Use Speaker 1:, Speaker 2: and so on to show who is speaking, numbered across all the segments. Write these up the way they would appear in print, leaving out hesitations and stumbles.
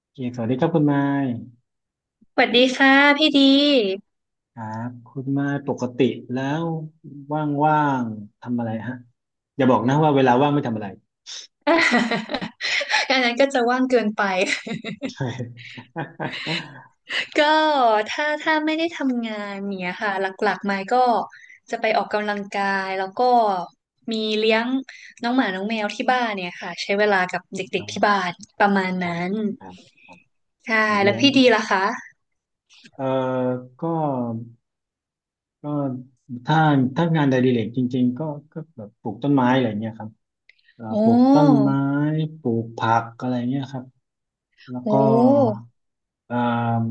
Speaker 1: โอเคสวัสดีครับคุณไม้
Speaker 2: สวัสดีค่ะพี่ดี
Speaker 1: ครับคุณไม้ปกติแล้วว่างๆทำอะไรฮะอย่าบอกนะว่าเวลาว่างไม่ทำอะไร
Speaker 2: อะ อันนั้นก็จะว่างเกินไป
Speaker 1: ใช่
Speaker 2: ก็ถ้าไม่ได้ทำงานเนี่ยค่ะหลักๆมายก็จะไปออกกำลังกายแล้วก็มีเลี้ยงน้องหมาน้องแมวที่บ้านเนี่ยค่ะใช้เวลากับเด็กๆที่บ้านประมาณ
Speaker 1: ครั
Speaker 2: นั้
Speaker 1: บ
Speaker 2: น
Speaker 1: ครับครับโอ
Speaker 2: ใช่
Speaker 1: เค
Speaker 2: แล้
Speaker 1: เรื่
Speaker 2: ว
Speaker 1: อง
Speaker 2: พี่ดีล่ะคะ
Speaker 1: เอ่อก็ก็ถ้าถ้างานใดดิเรกจริงๆก็แบบปลูกต้นไม้อะไรเงี้ยครับป
Speaker 2: โอ้
Speaker 1: ลูกต้นไม้ปลูกผักอะไรเงี้ยครับ แล้ว
Speaker 2: โอ้
Speaker 1: ก็เอ่ม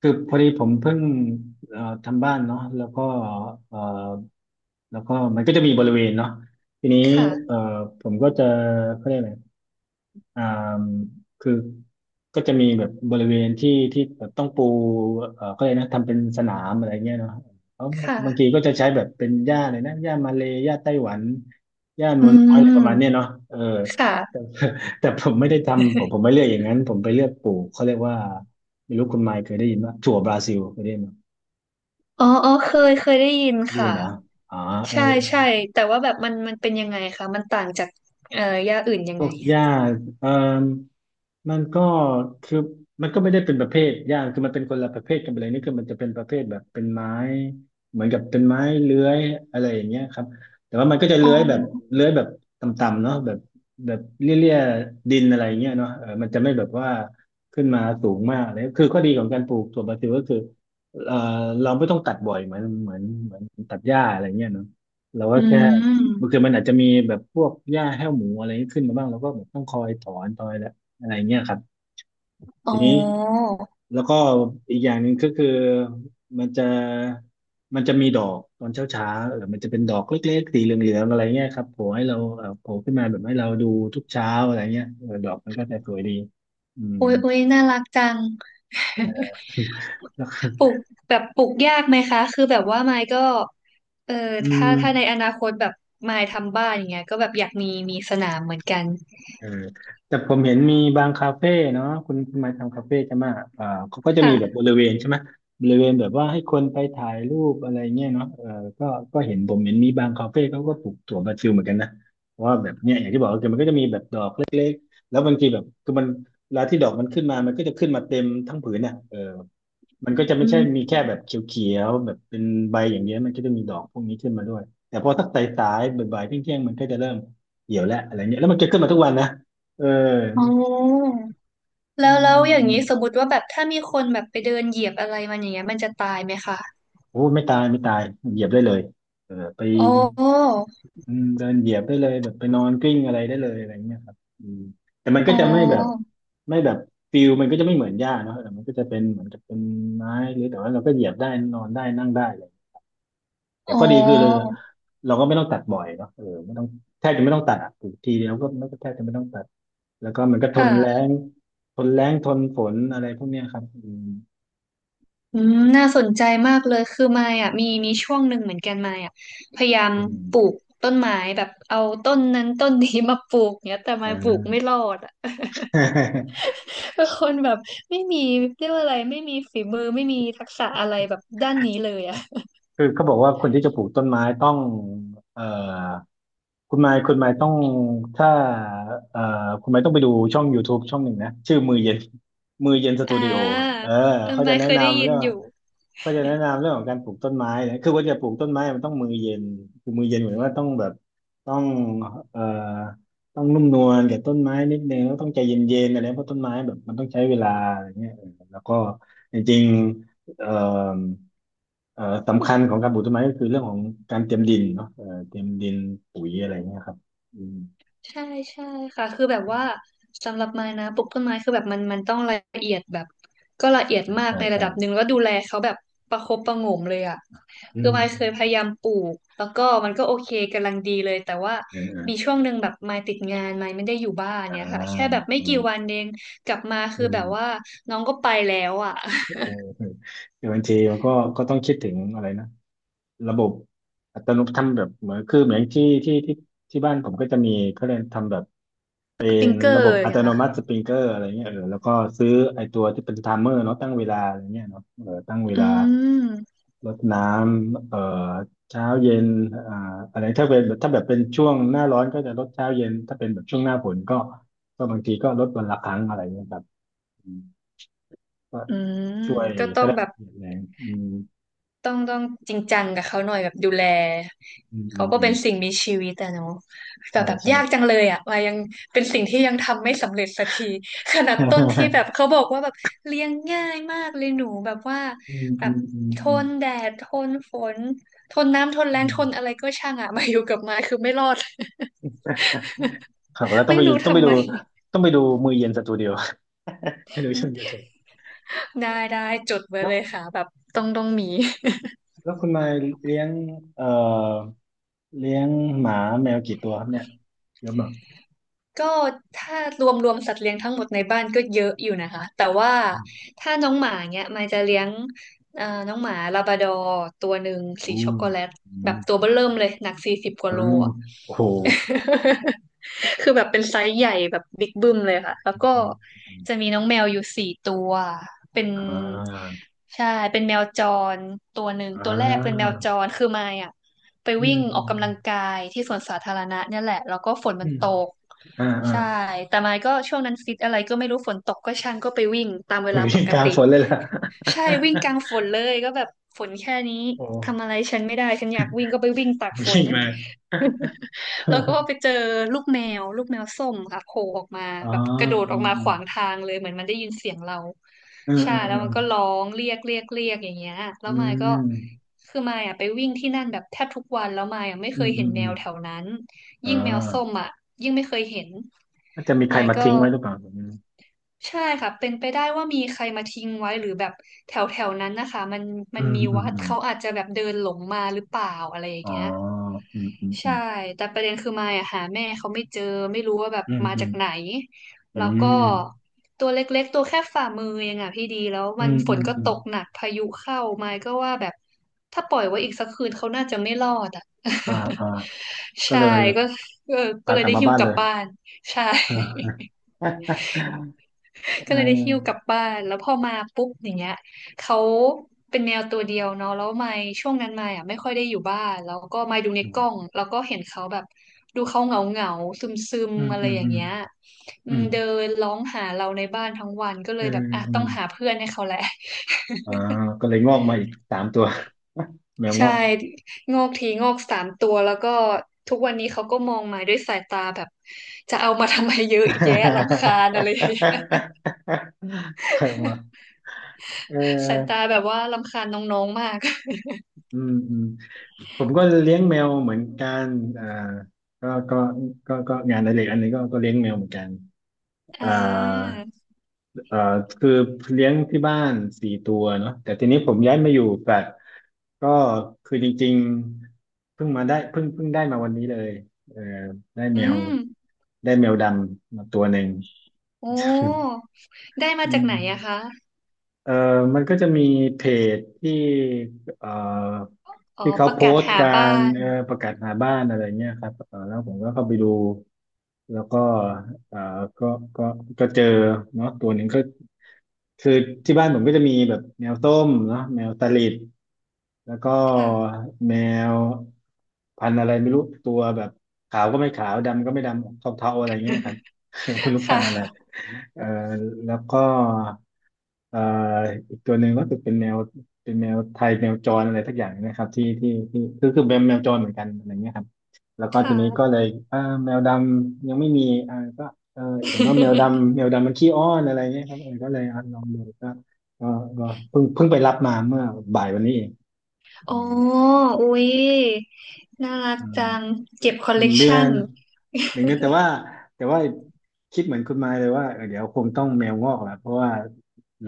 Speaker 1: คือพอดีผมเพิ่งทำบ้านเนาะแล้วก็เอ่อแล้วก็มันก็จะมีบริเวณเนาะทีนี้เอ่
Speaker 2: ค่ะ
Speaker 1: อผมก็จะเขาเรียกอะไรอ่ามคือก็จะมีแบบบริเวณที่ที่แบบต้องปูก็เลยกนะทำเป็นสนามอะไรเงี้ยเนาะแล้ว
Speaker 2: ค
Speaker 1: บางที
Speaker 2: ่ะ
Speaker 1: ก็จะใช้แบบเป็นหญ้าเลยนะหญ้ามาเลยหญ้าไต้หวัน
Speaker 2: อื
Speaker 1: อะไรประมาณเนี้ย
Speaker 2: ม
Speaker 1: เนาะเออแต่
Speaker 2: ค่ะ
Speaker 1: แต่ผมไม่ได้ทำผมไม่เลือกอย่างนั้นผมไปเลือกปลูกเขาเรียกว่าไม่รู้คุณไมค์เคยได้ยินว่าถั่วบราซิลเคยได้ยินไหม
Speaker 2: อ๋ออ๋อเคยได้ยิน
Speaker 1: ได้ยิ
Speaker 2: ค่ะ
Speaker 1: นนะอ๋อเออ
Speaker 2: ใช่ใช่แต่ว่าแบบมันเป็นยังไงคะมันต่างจากย่าอื่นยั
Speaker 1: พ
Speaker 2: งไง
Speaker 1: วกหญ้า
Speaker 2: อะ
Speaker 1: เออ มันก็คือมันก็ไม่ได้เป็นประเภทย่างคือมันเป็นคนละประเภทกันไปเลยนี่คือมันจะเป็นประเภทแบบเป็นไม้เหมือนกับเป็นไม้เลื้อยอะไรอย่างเงี้ยครับแต่ว่ามันก็จะ
Speaker 2: อ๋
Speaker 1: เลื้อยแบบ
Speaker 2: อ
Speaker 1: เลื้อยแบบต่ำๆเนาะแบบแบบเลี่ยๆดินอะไรอย่างเงี้ยเนาะเออมันจะไม่แบบว่าขึ้นมาสูงมากเลยคือข้อดีของการปลูกถั่วบราซิลก็คือเออเราไม่ต้องตัดบ่อยเหมือนตัดหญ้าอะไรเงี้ยเนาะเราก็
Speaker 2: อื
Speaker 1: แค่บาง
Speaker 2: ม
Speaker 1: ทีมันอาจจะมีแบบพวกหญ้าแห้วหมูอะไรขึ้นมาบ้างเราก็แบบต้องคอยถอนตอย อะไรเงี้ยครับ
Speaker 2: อ๋อ
Speaker 1: ทีนี้แล้วก็อีกอย่างหนึ่งก็คือมันจะมันจะมีดอกตอนเช้าเช้าเออมันจะเป็นดอกเล็กๆสีเหลืองๆอะไรเงี้ยครับโผล่ให้เราเออโผล่ขึ้นมาแบบให้เราดูทุกเช้าอะไรเงี้ยเออดอกมันก็จะสวยดีอืม
Speaker 2: อุ๊ยอุ๊ยน่ารักจัง
Speaker 1: แล้ว
Speaker 2: ปลูกแบบปลูกยากไหมคะคือแบบว่าไมค์ก็เออ
Speaker 1: อื
Speaker 2: ถ้า
Speaker 1: ม
Speaker 2: ถ้าในอนาคตแบบไมค์ทำบ้านอย่างเงี้ยก็แบบอยากมีมีสนามเหมือนกัน
Speaker 1: เออแต่ผมเห็นมีบางคาเฟ่เนาะคุณคุณมาทำคาเฟ่ใช่ไหมเออเขาก็จะมีแบบบ
Speaker 2: ค่ะ
Speaker 1: ริเวณใช่ไหมบริเวณแบบว่าให้คนไปถ่ายรูปอะไรเงี้ยเนาะเออก็ก็เห็นผมเห็นมีบางคาเฟ่เขาก็ปลูกถั่วบราซิลเหมือนกันนะเพราะว่าแบบเนี้ยอย่างที่บอกก็คือมันก็จะมีแบบดอกเล็กๆแล้วบางทีแบบคือมันเวลาที่ดอกมันขึ้นมามันก็จะขึ้นมาเต็มทั้งผืนน่ะเออ มันก็จะไม่
Speaker 2: อื
Speaker 1: ใช่
Speaker 2: ม
Speaker 1: มีแค่แบบเขียวๆแบบเป็นใบอย่างเดี้มันก็จะมีดอกพวกนี้ขึ้นมาด้วยแต่พอสักสายๆบ่ายๆเที่ยงๆมันก็จะเริ่มเหี่ยวแล้วอะไรเงี้ยแล้วมันจะขึ้นมาทุกวันนะเออ
Speaker 2: อ๋อ
Speaker 1: อื
Speaker 2: แล้ว
Speaker 1: ม
Speaker 2: แล้
Speaker 1: อื
Speaker 2: ว
Speaker 1: ม
Speaker 2: อย่า
Speaker 1: อื
Speaker 2: ง
Speaker 1: ม
Speaker 2: นี้สมมติว่าแบบถ้ามีคนแบบไปเดินเหยียบอะไรมันอย่างเงี้ยมันจะตายไหมคะ
Speaker 1: โอ้ไม่ตายไม่ตายเหยียบได้เลยเออไป
Speaker 2: อ๋อ
Speaker 1: อืมเดินเหยียบได้เลยแบบไปนอนกลิ้งอะไรได้เลยอะไรเงี้ยครับอืมแต่มัน
Speaker 2: อ๋
Speaker 1: ก็จะไม่แบบ
Speaker 2: อ
Speaker 1: ไม่แบบฟิลมันก็จะไม่เหมือนหญ้าเนาะแต่มันก็จะเป็นเหมือนกับเป็นไม้หรือแต่ว่าเราก็เหยียบได้นอนได้นั่งได้เลยแต่
Speaker 2: อ๋
Speaker 1: ข้อดีคือเลย
Speaker 2: อ
Speaker 1: เราก็ไม่ต้องตัดบ่อยเนาะเออไม่ต้องแทบจะไม่ต้องตัดอะปลูกทีเดียวก็ไม่ก็แทบจะไม่ต้องตัด แล้วก็มันก็ทนแล้
Speaker 2: ค่ะ
Speaker 1: งทนแล้งทนฝนอะไรพวกเนี้ยครับอืม
Speaker 2: อืมน่าสนใจมากเลยคือมายอ่ะมีมีช่วงหนึ่งเหมือนกันมายอ่ะพยายาม
Speaker 1: อืม
Speaker 2: ปลูกต้นไม้แบบเอาต้นนั้นต้นนี้มาปลูก เนี้ยแต่มายปลูก
Speaker 1: อ่า
Speaker 2: ไม่รอดอ่ะ เป็นคนแบบไม่มีเรียกว่าอะไร ไม่มีฝีมือ ไม่มีทักษะอะไรแบบด้านนี้เลยอ่ะ
Speaker 1: คือเขาบอกว่าคนที่จะปลูกต้นไม้ต้องเอ่อคุณไมค์ต้องถ้าเอ่อคุณไมค์ต้องไปดูช่อง YouTube ช่องหนึ่งนะ ชื่อมือเย็นมือเย็นส
Speaker 2: อ่
Speaker 1: ตูดิโอ
Speaker 2: า
Speaker 1: เออ
Speaker 2: เออ
Speaker 1: เขาจะ
Speaker 2: มาย
Speaker 1: แนะ
Speaker 2: เคยได้
Speaker 1: นำ
Speaker 2: ยิ
Speaker 1: เรื่
Speaker 2: น
Speaker 1: อง
Speaker 2: อยู่
Speaker 1: ก็จะแนะนำเรื่องของการปลูกต้นไม้นะคือว่าจะปลูกต้นไม้มันต้องมือเย็นคือมือเย็นเหมือนว่าต้องแบบต้องเอ่อต้องนุ่มนวลกับต้นไม้นิดนึงแล้วต้องใจเย็นๆอะไรเพราะต้นไม้แบบมันต้องใช้เวลาอะไรเงี้ยเออแล้วก็จริงๆสำคัญของการปลูกต้นไม้ก็คือเรื่องของการเตรียมดินเนาะเตรียมดินปุ๋ยอะไรเงี้ยครับอืม
Speaker 2: ใช่ใช่ค่ะคือแบบว่าสำหรับไม้นะปลูกต้นไม้คือแบบมันต้องละเอียดแบบก็ละเอียดมาก
Speaker 1: ใช่
Speaker 2: ในระ
Speaker 1: ใช่
Speaker 2: ดับหนึ่งแล้วดูแลเขาแบบประคบประหงมเลยอ่ะ
Speaker 1: อื
Speaker 2: คือ
Speaker 1: ม
Speaker 2: ไม้เคยพยายามปลูกแล้วก็มันก็โอเคกำลังดีเลยแต่ว่า
Speaker 1: เออเออ
Speaker 2: มีช่วงหนึ่งแบบไม้ติดงานไม้ไม่ได้อยู่บ้าน
Speaker 1: อ่า
Speaker 2: เนี่ยค่ะแค่แบบไม่
Speaker 1: เออ
Speaker 2: กี่วันเองกลับมา
Speaker 1: อื
Speaker 2: คือ
Speaker 1: ม
Speaker 2: แบบว่าน้องก็ไปแล้วอ่ะ
Speaker 1: เออคือบางทีมันก็ต้องคิดถึงอะไรนะ ระบบอัตโนมัติทำแบบเหมือนคือเหมือนที่บ้านผมก็จะมีเขาเรียนทำแบบเป็
Speaker 2: สปริ
Speaker 1: น
Speaker 2: งเกอ
Speaker 1: ระบ
Speaker 2: ร์
Speaker 1: บ
Speaker 2: อย่า
Speaker 1: อั
Speaker 2: ง
Speaker 1: ต
Speaker 2: เงี้ย
Speaker 1: โนมัติ
Speaker 2: ค่ะ
Speaker 1: สปริงเกอร์อะไรเงี้ยเออแล้วก็ซื้อไอตัวที่เป็นไทม์เมอร์เนาะตั้งเวลาอะไรเงี้ยเนาะเออตั้งเว
Speaker 2: อื
Speaker 1: ลา
Speaker 2: ม
Speaker 1: รดน้ำเออเช้าเย็นอ่าอะไรถ้าเป็นถ้าแบบเป็นช่วงหน้าร้อนก็จะลดเช้าเย็นถ้าเป็นแบบช่วงหน้าฝนก็บางทีก็ลดวันละครั้งอะไรเงี้ยครับอืมก็
Speaker 2: อืม
Speaker 1: ช่วย
Speaker 2: ก็ต้
Speaker 1: ก็
Speaker 2: อง
Speaker 1: ได้
Speaker 2: แบบ
Speaker 1: แรงอืม
Speaker 2: ต้องจริงจังกับเขาหน่อยแบบดูแล
Speaker 1: อืมอื
Speaker 2: เขา
Speaker 1: ม
Speaker 2: ก็
Speaker 1: อื
Speaker 2: เป็
Speaker 1: ม
Speaker 2: นสิ่งมีชีวิตอะเนาะแต่
Speaker 1: ใช่
Speaker 2: แบบ
Speaker 1: ใช่
Speaker 2: ยากจังเลยอะว่ายังเป็นสิ่งที่ยังทำไม่สำเร็จสักทีขนาดต้นที่แบ บเขาบอกว่าแบบเลี้ยงง่ายมากเลยหนูแบบว่า
Speaker 1: อืม
Speaker 2: แบ
Speaker 1: อื
Speaker 2: บ
Speaker 1: มอืม
Speaker 2: ท
Speaker 1: อืม
Speaker 2: นแดดทนฝนทนน้ำทนแรง
Speaker 1: อื
Speaker 2: ท
Speaker 1: ม
Speaker 2: นอะไรก็ช่างอะมาอยู่กับไม้คือไม่รอด
Speaker 1: ครับแล้ว ต้อง
Speaker 2: ไม่
Speaker 1: ไปดู
Speaker 2: รู้ทำไม
Speaker 1: ต้องไปดูมือเย็นสตูดิโอ ให้ดูช่อง YouTube
Speaker 2: ได้จดไว้
Speaker 1: แล้
Speaker 2: เล
Speaker 1: ว
Speaker 2: ยค่ะแบบต้องมี
Speaker 1: คุณมายเลี้ยงเอ่อเลี้ยงหมาแมวกี่ตัวครับเนี่ย เยอะมาก
Speaker 2: ก็ถ้ารวมสัตว์เลี้ยงทั้งหมดในบ้านก็เยอะอยู่นะคะแต่ว่า
Speaker 1: อืม
Speaker 2: ถ้าน้องหมาเนี้ยมายจะเลี้ยงน้องหมาลาบราดอร์ตัวหนึ่งสี
Speaker 1: อื
Speaker 2: ช็อก
Speaker 1: ม
Speaker 2: โกแลต
Speaker 1: อื
Speaker 2: แบบตัว
Speaker 1: ม
Speaker 2: เบ้อเริ่มเลยหนักสี่สิบกว่า
Speaker 1: อื
Speaker 2: โล
Speaker 1: มโอ้โห
Speaker 2: คือแบบเป็นไซส์ใหญ่แบบบิ๊กบึ้มเลยค่ะแล้ว
Speaker 1: อื
Speaker 2: ก็
Speaker 1: มอืม
Speaker 2: จะมีน้องแมวอยู่สี่ตัวเป็น
Speaker 1: อ่า
Speaker 2: ใช่เป็นแมวจรตัวหนึ่ง
Speaker 1: อ่
Speaker 2: ตัวแรกเป็นแม
Speaker 1: า
Speaker 2: วจรคือมายอ่ะไป
Speaker 1: อื
Speaker 2: วิ่
Speaker 1: ม
Speaker 2: งอ
Speaker 1: อื
Speaker 2: อก
Speaker 1: ม
Speaker 2: กำลังกายที่สวนสาธารณะเนี่ยแหละแล้วก็ฝน
Speaker 1: อื
Speaker 2: มัน
Speaker 1: ม
Speaker 2: ตก
Speaker 1: อ่าอ่า
Speaker 2: ใช่แต่มายก็ช่วงนั้นฟิตอะไรก็ไม่รู้ฝนตกก็ช่างก็ไปวิ่งตามเวลาป
Speaker 1: วิ่ง
Speaker 2: ก
Speaker 1: กลาง
Speaker 2: ติ
Speaker 1: ฝนเลยล่ะ
Speaker 2: ใช่วิ่งกลางฝนเลยก็แบบฝนแค่นี้
Speaker 1: โอ้
Speaker 2: ทำอะไรฉันไม่ได้ฉันอยากวิ่งก็ไปวิ่งตากฝน
Speaker 1: วิ่งมา
Speaker 2: แล้วก็ไป เจอลูกแมวลูกแมวส้มค่ะโผล่ออกมา
Speaker 1: อ๋อ
Speaker 2: แบบกระโดด
Speaker 1: อื
Speaker 2: ออก
Speaker 1: ม
Speaker 2: มาขวางทางเลยเหมือนมันได้ยินเสียงเรา
Speaker 1: อืม
Speaker 2: ใช่
Speaker 1: อืม
Speaker 2: แล้
Speaker 1: อื
Speaker 2: วมั
Speaker 1: ม
Speaker 2: นก็ร้องเรียกเรียกเรียกอย่างเงี้ยแล้
Speaker 1: อื
Speaker 2: วมายก็
Speaker 1: ม
Speaker 2: คือมายอ่ะไปวิ่งที่นั่นแบบแทบทุกวันแล้วมายอ่ะไม่
Speaker 1: อื
Speaker 2: เคย
Speaker 1: มอื
Speaker 2: เห็น
Speaker 1: ม
Speaker 2: แม
Speaker 1: อืม
Speaker 2: ว
Speaker 1: อม
Speaker 2: แถวนั้น
Speaker 1: อ่
Speaker 2: ยิ่งแมวส้ม
Speaker 1: า
Speaker 2: อ่ะยิ่งไม่เคยเห็น
Speaker 1: น่าจะมีใคร
Speaker 2: มาย
Speaker 1: มา
Speaker 2: ก็
Speaker 1: ทิ้งไว้หรือเปล่าผม
Speaker 2: ใช่ค่ะเป็นไปได้ว่ามีใครมาทิ้งไว้หรือแบบแถวแถวนั้นนะคะมันมั
Speaker 1: อื
Speaker 2: น
Speaker 1: ม
Speaker 2: มี
Speaker 1: อืม
Speaker 2: วัด
Speaker 1: อืม
Speaker 2: เขาอาจจะแบบเดินหลงมาหรือเปล่าอะไรอย่าง
Speaker 1: อ๋อ
Speaker 2: เงี้ย
Speaker 1: อืมอื
Speaker 2: ใช่
Speaker 1: ม
Speaker 2: แต่ประเด็นคือมายอะหาแม่เขาไม่เจอไม่รู้ว่าแบบ
Speaker 1: อืม
Speaker 2: มา
Speaker 1: อื
Speaker 2: จา
Speaker 1: ม
Speaker 2: กไหน
Speaker 1: อื
Speaker 2: แล้วก็
Speaker 1: ม
Speaker 2: ตัวเล็กๆตัวแค่ฝ่ามือเองอะพี่ดีแล้ว
Speaker 1: อื
Speaker 2: มัน
Speaker 1: ม
Speaker 2: ฝ
Speaker 1: อื
Speaker 2: น
Speaker 1: ม
Speaker 2: ก็
Speaker 1: อืมอื
Speaker 2: ต
Speaker 1: ม
Speaker 2: กหนักพายุเข้ามายก็ว่าแบบถ้าปล่อยไว้อีกสักคืนเขาน่าจะไม่รอดอะ
Speaker 1: อ่าอ่า ก็
Speaker 2: ใช่
Speaker 1: เลย
Speaker 2: ก็เออก็
Speaker 1: พา
Speaker 2: เล
Speaker 1: ก
Speaker 2: ย
Speaker 1: ลับ
Speaker 2: ได้
Speaker 1: มา
Speaker 2: หิ้ว
Speaker 1: บ้าน
Speaker 2: กลั
Speaker 1: เล
Speaker 2: บ
Speaker 1: ย
Speaker 2: บ้านใช่
Speaker 1: เอ่
Speaker 2: ก็
Speaker 1: เอ
Speaker 2: เลยได้หิ้วกลับ
Speaker 1: อ
Speaker 2: บ้าน แล้วพอมาปุ๊บอย่างเงี้ยเขาเป็นแนวตัวเดียวเนาะแล้วมายช่วงนั้นมายอ่ะไม่ค่อยได้อยู่บ้านแล้วก็มายดูใน
Speaker 1: อื
Speaker 2: กล้อง
Speaker 1: ม
Speaker 2: แล้วก็เห็นเขาแบบดูเขาเหงาเหงาซึมซึม
Speaker 1: อืม
Speaker 2: ๆอะไร
Speaker 1: อืม
Speaker 2: อย่า
Speaker 1: อื
Speaker 2: ง
Speaker 1: ม
Speaker 2: เงี้ยอื
Speaker 1: อื
Speaker 2: ม
Speaker 1: ม
Speaker 2: เดินร้องหาเราในบ้านทั้งวันก็เล
Speaker 1: เออ
Speaker 2: ยแบบอ่ะ
Speaker 1: เอ
Speaker 2: ต้องหา
Speaker 1: อ
Speaker 2: เพื่อนให้เขาแหละ
Speaker 1: อ่าก็เลยงอกมาอีกสามตัวแมว ง
Speaker 2: ใช่
Speaker 1: อก
Speaker 2: งอกทีงอกสามตัวแล้วก็ทุกวันนี้เขาก็มองมาด้วยสายตาแบบจะเอามาทำไมเยอะแยะรำคาญอะไรอย่างเงี้ย
Speaker 1: เอามาเ
Speaker 2: สายตา
Speaker 1: ออ
Speaker 2: แบบว่ารำคาญน้องๆมาก
Speaker 1: อืมอืม ผมก็เลี้ยงแมวเหมือนกันอ่าก็ก็ก็งานอดิเรกอันนี้ก็เลี้ยงแมวเหมือนกันอ่า
Speaker 2: อ่า
Speaker 1: เอ่อคือเลี้ยงที่บ้านสี่ตัวเนาะแต่ทีนี้ผมย้ายมาอยู่แฟลตก็คือจริงๆเพิ่งมาได้เพิ่งได้มาวันนี้เลยเออได้
Speaker 2: อื
Speaker 1: แมว
Speaker 2: ม
Speaker 1: ได้แมวดำมาตัวหนึ่ง
Speaker 2: โอ้ ได้มา
Speaker 1: อื
Speaker 2: จากไห
Speaker 1: ม
Speaker 2: นอะคะ
Speaker 1: เออมันก็จะมีเพจที่เอ่อ
Speaker 2: อ๋อ
Speaker 1: ที่เขา
Speaker 2: ประ
Speaker 1: โพ
Speaker 2: กาศ
Speaker 1: สต์
Speaker 2: หา
Speaker 1: กา
Speaker 2: บ้า
Speaker 1: ร
Speaker 2: น
Speaker 1: ประกาศหาบ้านอะไรเงี้ยครับเออแล้วผมก็เข้าไปดู แล้วก็เอ่อก็ก็ก็เจอเนาะตัวหนึ่งก็คือที่บ้านผมก็จะมีแบบแมวส้มเนาะแมวตะลิด แล้วก็
Speaker 2: ค่ะ
Speaker 1: แมวพันธุ์อะไรไม่รู้ตัวแบบขาวก็ไม่ขาวดำก็ไม่ดำเทาๆอะไรเงี้ยครับ ไม่รู้
Speaker 2: ค
Speaker 1: พันธุ์อะไร
Speaker 2: ่ะ
Speaker 1: เอ่อแล้วก็เอ่ออีกตัวหนึ่งก็คือเป็นแมวเป็นแมวไทยแมวจรอะไรทักอย่างนะครับที่คือคือแมวแมวจรเหมือนกันอะไรเงี้ยครับแล้วก็ที
Speaker 2: ค่ะ
Speaker 1: นี้ก็เลยเออแมวดำยังไม่มีอ่าก็เออเห็นว่าแมว ดำแมวดำมันขี้อ้อนอะไรเงี้ยครับเออก็เลยอ่ะลองดูก็ก็ก็เพิ่งไปรับมาเมื่อบ่ายวันนี้เอง อื
Speaker 2: โอ้
Speaker 1: ม
Speaker 2: อุ๊ยน่ารัก
Speaker 1: อืม
Speaker 2: จังเก็บคอล
Speaker 1: ห
Speaker 2: เล
Speaker 1: นึ่ง
Speaker 2: ก
Speaker 1: เดือ
Speaker 2: ชัน
Speaker 1: นหนึ่งเดือนแต่ว่าแต่ว่าคิดเหมือนคุณมายเลยว่าเออเดี๋ยวคงต้องแมวงอกแหละเพราะว่า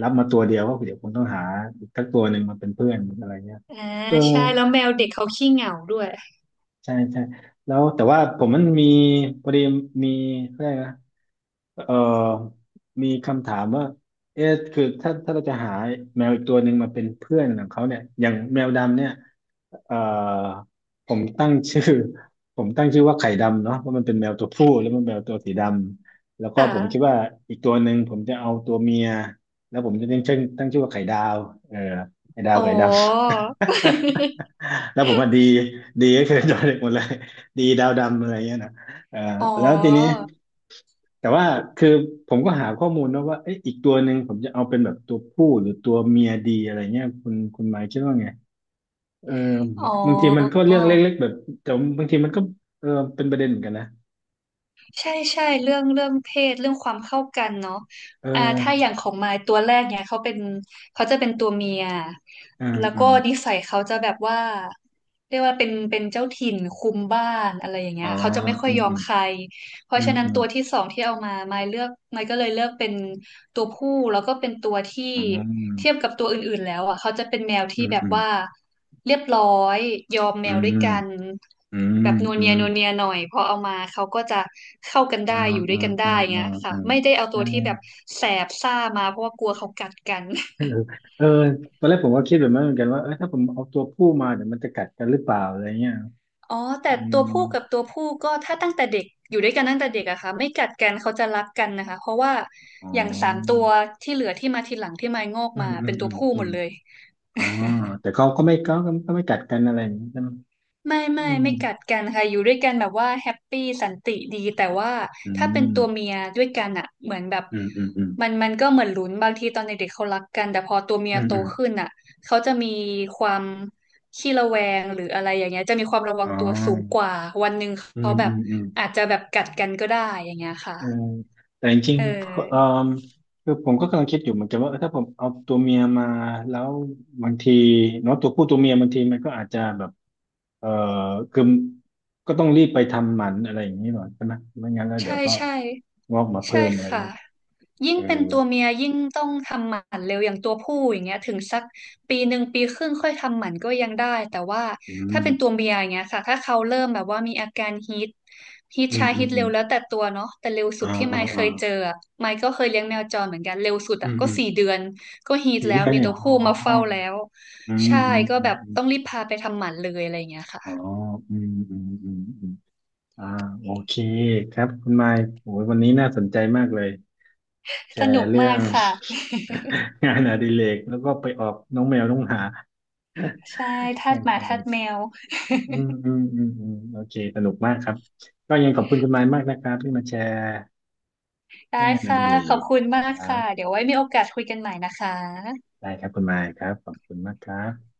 Speaker 1: รับมาตัวเดียวก็เดี๋ยวคงต้องหาอีกสักตัวหนึ่งมาเป็นเพื่อนอะไรเงี้ย
Speaker 2: อ่า
Speaker 1: เออ
Speaker 2: ใช่ แล้วแมวเด็กเขาขี้เหงาด้วย
Speaker 1: ใช่ใช่แล้วแต่ว่าผมมันมีพอดีมีอะไรยกนะ เอ่อมีคำถามว่าเอ๊ะคือถ้าถ้าเราจะหาแมวอีกตัวหนึ่งมาเป็นเพื่อนของเขาเนี่ยอย่างแมวดำเนี่ยเอ่อผมตั้งชื่อ ผมตั้งชื่อว่าไข่ดำเนาะเพราะมันเป็นแมวตัวผู้แล้วมันแมวตัวสีดำแล้วก็ผมคิด
Speaker 2: ค่ะ
Speaker 1: ว่าอีกตัวหนึ่งผมจะเอาตัวเมียแล้วผมจะตั้งชื่อว่าไข่ดาวเออไข่ดาว
Speaker 2: อ๋อ
Speaker 1: ไข่ดำ แล้วผมว่าดีดีก็คือ จอเด็กหมดเลยดีดาวดำอะไรเงี้ยนะเออ
Speaker 2: อ๋อ
Speaker 1: แล้วทีนี้ แต่ว่าคือผมก็หาข้อมูลนะว่าเอ๊ะอีกตัวหนึ่งผมจะเอาเป็นแบบตัวผู้หรือตัวเมียดีอะไรเงี้ยคุณหมายคิดว่าไงเออ
Speaker 2: อ๋
Speaker 1: บางทีมันก็
Speaker 2: อ
Speaker 1: เรื่องเล็กๆแบบแต่บางทีมันก็เออเป็นประเด็นเหมือนกันนะ
Speaker 2: ใช่ใช่เรื่องเพศเรื่องความเข้ากันเนาะ
Speaker 1: เ
Speaker 2: อ่าถ้าอ
Speaker 1: ออ
Speaker 2: ย่างของมายตัวแรกเนี่ยเขาเป็นเขาจะเป็นตัวเมีย
Speaker 1: อ่า
Speaker 2: แล้ว
Speaker 1: อ่า
Speaker 2: ก็นิสัยเขาจะแบบว่าเรียกว่าเป็นเจ้าถิ่นคุมบ้านอะไรอย่าง
Speaker 1: อ๋
Speaker 2: เงี้
Speaker 1: อ
Speaker 2: ยเขาจะไม่ค่อ
Speaker 1: อื
Speaker 2: ย
Speaker 1: ม
Speaker 2: ยอ
Speaker 1: อื
Speaker 2: ม
Speaker 1: ม
Speaker 2: ใคร เพ
Speaker 1: อื
Speaker 2: ราะ
Speaker 1: ม
Speaker 2: ฉะนั้น
Speaker 1: อืม
Speaker 2: ตัวที่สองที่เอามาไม่เลือกไม่ก็เลยเลือกเป็นตัวผู้แล้วก็เป็นตัวที่
Speaker 1: อ๋อ
Speaker 2: เทียบกับตัวอื่นๆแล้วอ่ะเขาจะเป็นแมว
Speaker 1: อื
Speaker 2: ที่
Speaker 1: ม
Speaker 2: แบบ
Speaker 1: อืม
Speaker 2: ว่าเรียบร้อยยอมแม
Speaker 1: อื
Speaker 2: ว
Speaker 1: ม
Speaker 2: ด้วย
Speaker 1: อืม
Speaker 2: กัน
Speaker 1: อืม
Speaker 2: แบบนัว
Speaker 1: อ
Speaker 2: เนีย
Speaker 1: ม
Speaker 2: นัวเนียหน่อยพอเอามาเขาก็จะเข้ากัน
Speaker 1: อ๋
Speaker 2: ได้
Speaker 1: อ
Speaker 2: อยู่
Speaker 1: อ๋
Speaker 2: ด้ว
Speaker 1: อ
Speaker 2: ยกันได้
Speaker 1: อ๋ออ๋อ
Speaker 2: เงี้ย
Speaker 1: อ๋
Speaker 2: ค่ะ
Speaker 1: อ
Speaker 2: ไม่ได้เอา
Speaker 1: เอ
Speaker 2: ตั
Speaker 1: อ
Speaker 2: วที่แบบแสบซ่ามาเพราะว่ากลัวเขากัดกัน
Speaker 1: เออเออตอนแรกผมก็คิดแบบนั้นเหมือนกันว่าเออถ้าผมเอาตัวผู้มาเดี๋ยวมันจะกัดกันหรือเปล่าอะไรเงี้ย
Speaker 2: อ๋อแต่
Speaker 1: อื
Speaker 2: ตั
Speaker 1: ม
Speaker 2: วผู้กับตัวผู้ก็ถ้าตั้งแต่เด็กอยู่ด้วยกันตั้งแต่เด็กอะค่ะไม่กัดกันเขาจะรักกันนะคะเพราะว่า
Speaker 1: อ๋
Speaker 2: อย่างสาม
Speaker 1: อ
Speaker 2: ตัวที่เหลือที่มาทีหลังที่มายงอก
Speaker 1: อืม
Speaker 2: มา
Speaker 1: อืม
Speaker 2: เป็นตั
Speaker 1: อื
Speaker 2: ว
Speaker 1: ม
Speaker 2: ผู้
Speaker 1: อื
Speaker 2: หม
Speaker 1: ม
Speaker 2: ดเลย
Speaker 1: อ๋อแต่เขาก็ไม่ก็ก็ก็ไม่กัดกันอะไรอย่างนี้ใช่ไหม
Speaker 2: ไม่ไม่
Speaker 1: อืม
Speaker 2: ไม่กัดกันค่ะอยู่ด้วยกันแบบว่าแฮปปี้สันติดีแต่ว่า
Speaker 1: อื
Speaker 2: ถ้าเป็นตัวเมี
Speaker 1: ม
Speaker 2: ยด้วยกันอ่ะเหมือนแบบ
Speaker 1: อืมอืมอืม
Speaker 2: มันก็เหมือนลุ้นบางทีตอนเด็กๆเขารักกันแต่พอตัวเมี
Speaker 1: อื
Speaker 2: ย
Speaker 1: ม
Speaker 2: โต
Speaker 1: อืม
Speaker 2: ขึ้นอ่ะเขาจะมีความขี้ระแวงหรืออะไรอย่างเงี้ยจะมีความระวั
Speaker 1: อ๋
Speaker 2: งตัวสูง
Speaker 1: อ
Speaker 2: กว่าวันหนึ่ง
Speaker 1: อื
Speaker 2: เขา
Speaker 1: ม
Speaker 2: แบ
Speaker 1: อื
Speaker 2: บ
Speaker 1: มอืม
Speaker 2: อาจจะแบบกัดกันก็ได้อย่างเงี้ย
Speaker 1: เออ
Speaker 2: ค่ะ
Speaker 1: แต่จริง
Speaker 2: เอ
Speaker 1: ๆเออ
Speaker 2: อ
Speaker 1: คือผมก็กำลังคิดอยู่เหมือนกันว่าเออถ้าผมเอาตัวเมียมาแล้วบางทีเนาะตัวผู้ตัวเมียบางทีมันก็อาจจะแบบเออคือก็ต้องรีบไปทำหมันอะไรอย่างนี้หน่อยใช่ไหมไม่งั้นแล้วเดี๋ย
Speaker 2: ใช่
Speaker 1: วก็
Speaker 2: ใช่
Speaker 1: งอกมา
Speaker 2: ใช่
Speaker 1: เพิ่มอะไร
Speaker 2: ค่ะ
Speaker 1: เงี้ย
Speaker 2: ยิ่ง
Speaker 1: เออ
Speaker 2: เป็นตัวเมียยิ่งต้องทำหมันเร็วอย่างตัวผู้อย่างเงี้ยถึงสักปีหนึ่งปีครึ่งค่อยทำหมันก็ยังได้แต่ว่า
Speaker 1: อื
Speaker 2: ถ้าเป็นตัว
Speaker 1: ม
Speaker 2: เมียอย่างเงี้ยค่ะถ้าเขาเริ่มแบบว่ามีอาการฮีทฮีท
Speaker 1: อืม
Speaker 2: ชา
Speaker 1: อื
Speaker 2: ฮี
Speaker 1: ม
Speaker 2: ท
Speaker 1: อื
Speaker 2: เร็
Speaker 1: ม
Speaker 2: วแล้วแต่ตัวเนาะแต่เร็วสุ
Speaker 1: อ่า
Speaker 2: ดที่ไม
Speaker 1: อ่า
Speaker 2: ค์เค
Speaker 1: อ่า
Speaker 2: ยเจออะไมค์ก็เคยเลี้ยงแมวจรเหมือนกันเร็วสุด
Speaker 1: อื
Speaker 2: อะ
Speaker 1: ม
Speaker 2: ก็
Speaker 1: อืม
Speaker 2: 4 เดือนก็ฮีท
Speaker 1: ซี
Speaker 2: แล้
Speaker 1: เรี
Speaker 2: ว
Speaker 1: ยส
Speaker 2: มี
Speaker 1: เนี่ย
Speaker 2: ตั
Speaker 1: เห
Speaker 2: ว
Speaker 1: รอ
Speaker 2: ผู้
Speaker 1: อ๋
Speaker 2: มา
Speaker 1: อ
Speaker 2: เฝ้าแล้ว
Speaker 1: อื
Speaker 2: ใช่
Speaker 1: มอืม
Speaker 2: ก็
Speaker 1: อื
Speaker 2: แบ
Speaker 1: ม
Speaker 2: บ
Speaker 1: อืม
Speaker 2: ต้องรีบพาไปทำหมันเลยอะไรอย่างเงี้ย
Speaker 1: อ๋อ
Speaker 2: ค่ะ
Speaker 1: อืมอืมอืมอืมอ่าโอเคครับคุณไมค์โอ้ยวันนี้น่าสนใจมากเลยแช
Speaker 2: สนุ
Speaker 1: ร์
Speaker 2: ก
Speaker 1: เรื่อ
Speaker 2: มาก
Speaker 1: ง
Speaker 2: ค่ะ
Speaker 1: งานอดิเรกแล้วก็ไปออกน้องแมวน้องหมา
Speaker 2: ใช่ทา
Speaker 1: โอ
Speaker 2: สหมาทาส
Speaker 1: เค
Speaker 2: แมว
Speaker 1: อืมอืมอืมอืมโอเคสนุกมากครับก็ยังขอบคุณคุณไมค์มากนะครับที่มาแชร์
Speaker 2: ได้
Speaker 1: เรื่องงานอ
Speaker 2: ค่ะ
Speaker 1: ดิเร
Speaker 2: ขอบ
Speaker 1: ก
Speaker 2: คุณมา
Speaker 1: ค
Speaker 2: ก
Speaker 1: รั
Speaker 2: ค่ะ
Speaker 1: บ
Speaker 2: เดี๋ยวไว้มีโอกาสคุยกันใหม่นะคะ
Speaker 1: ได้ครับคุณไมค์ครับขอบคุณมากครับ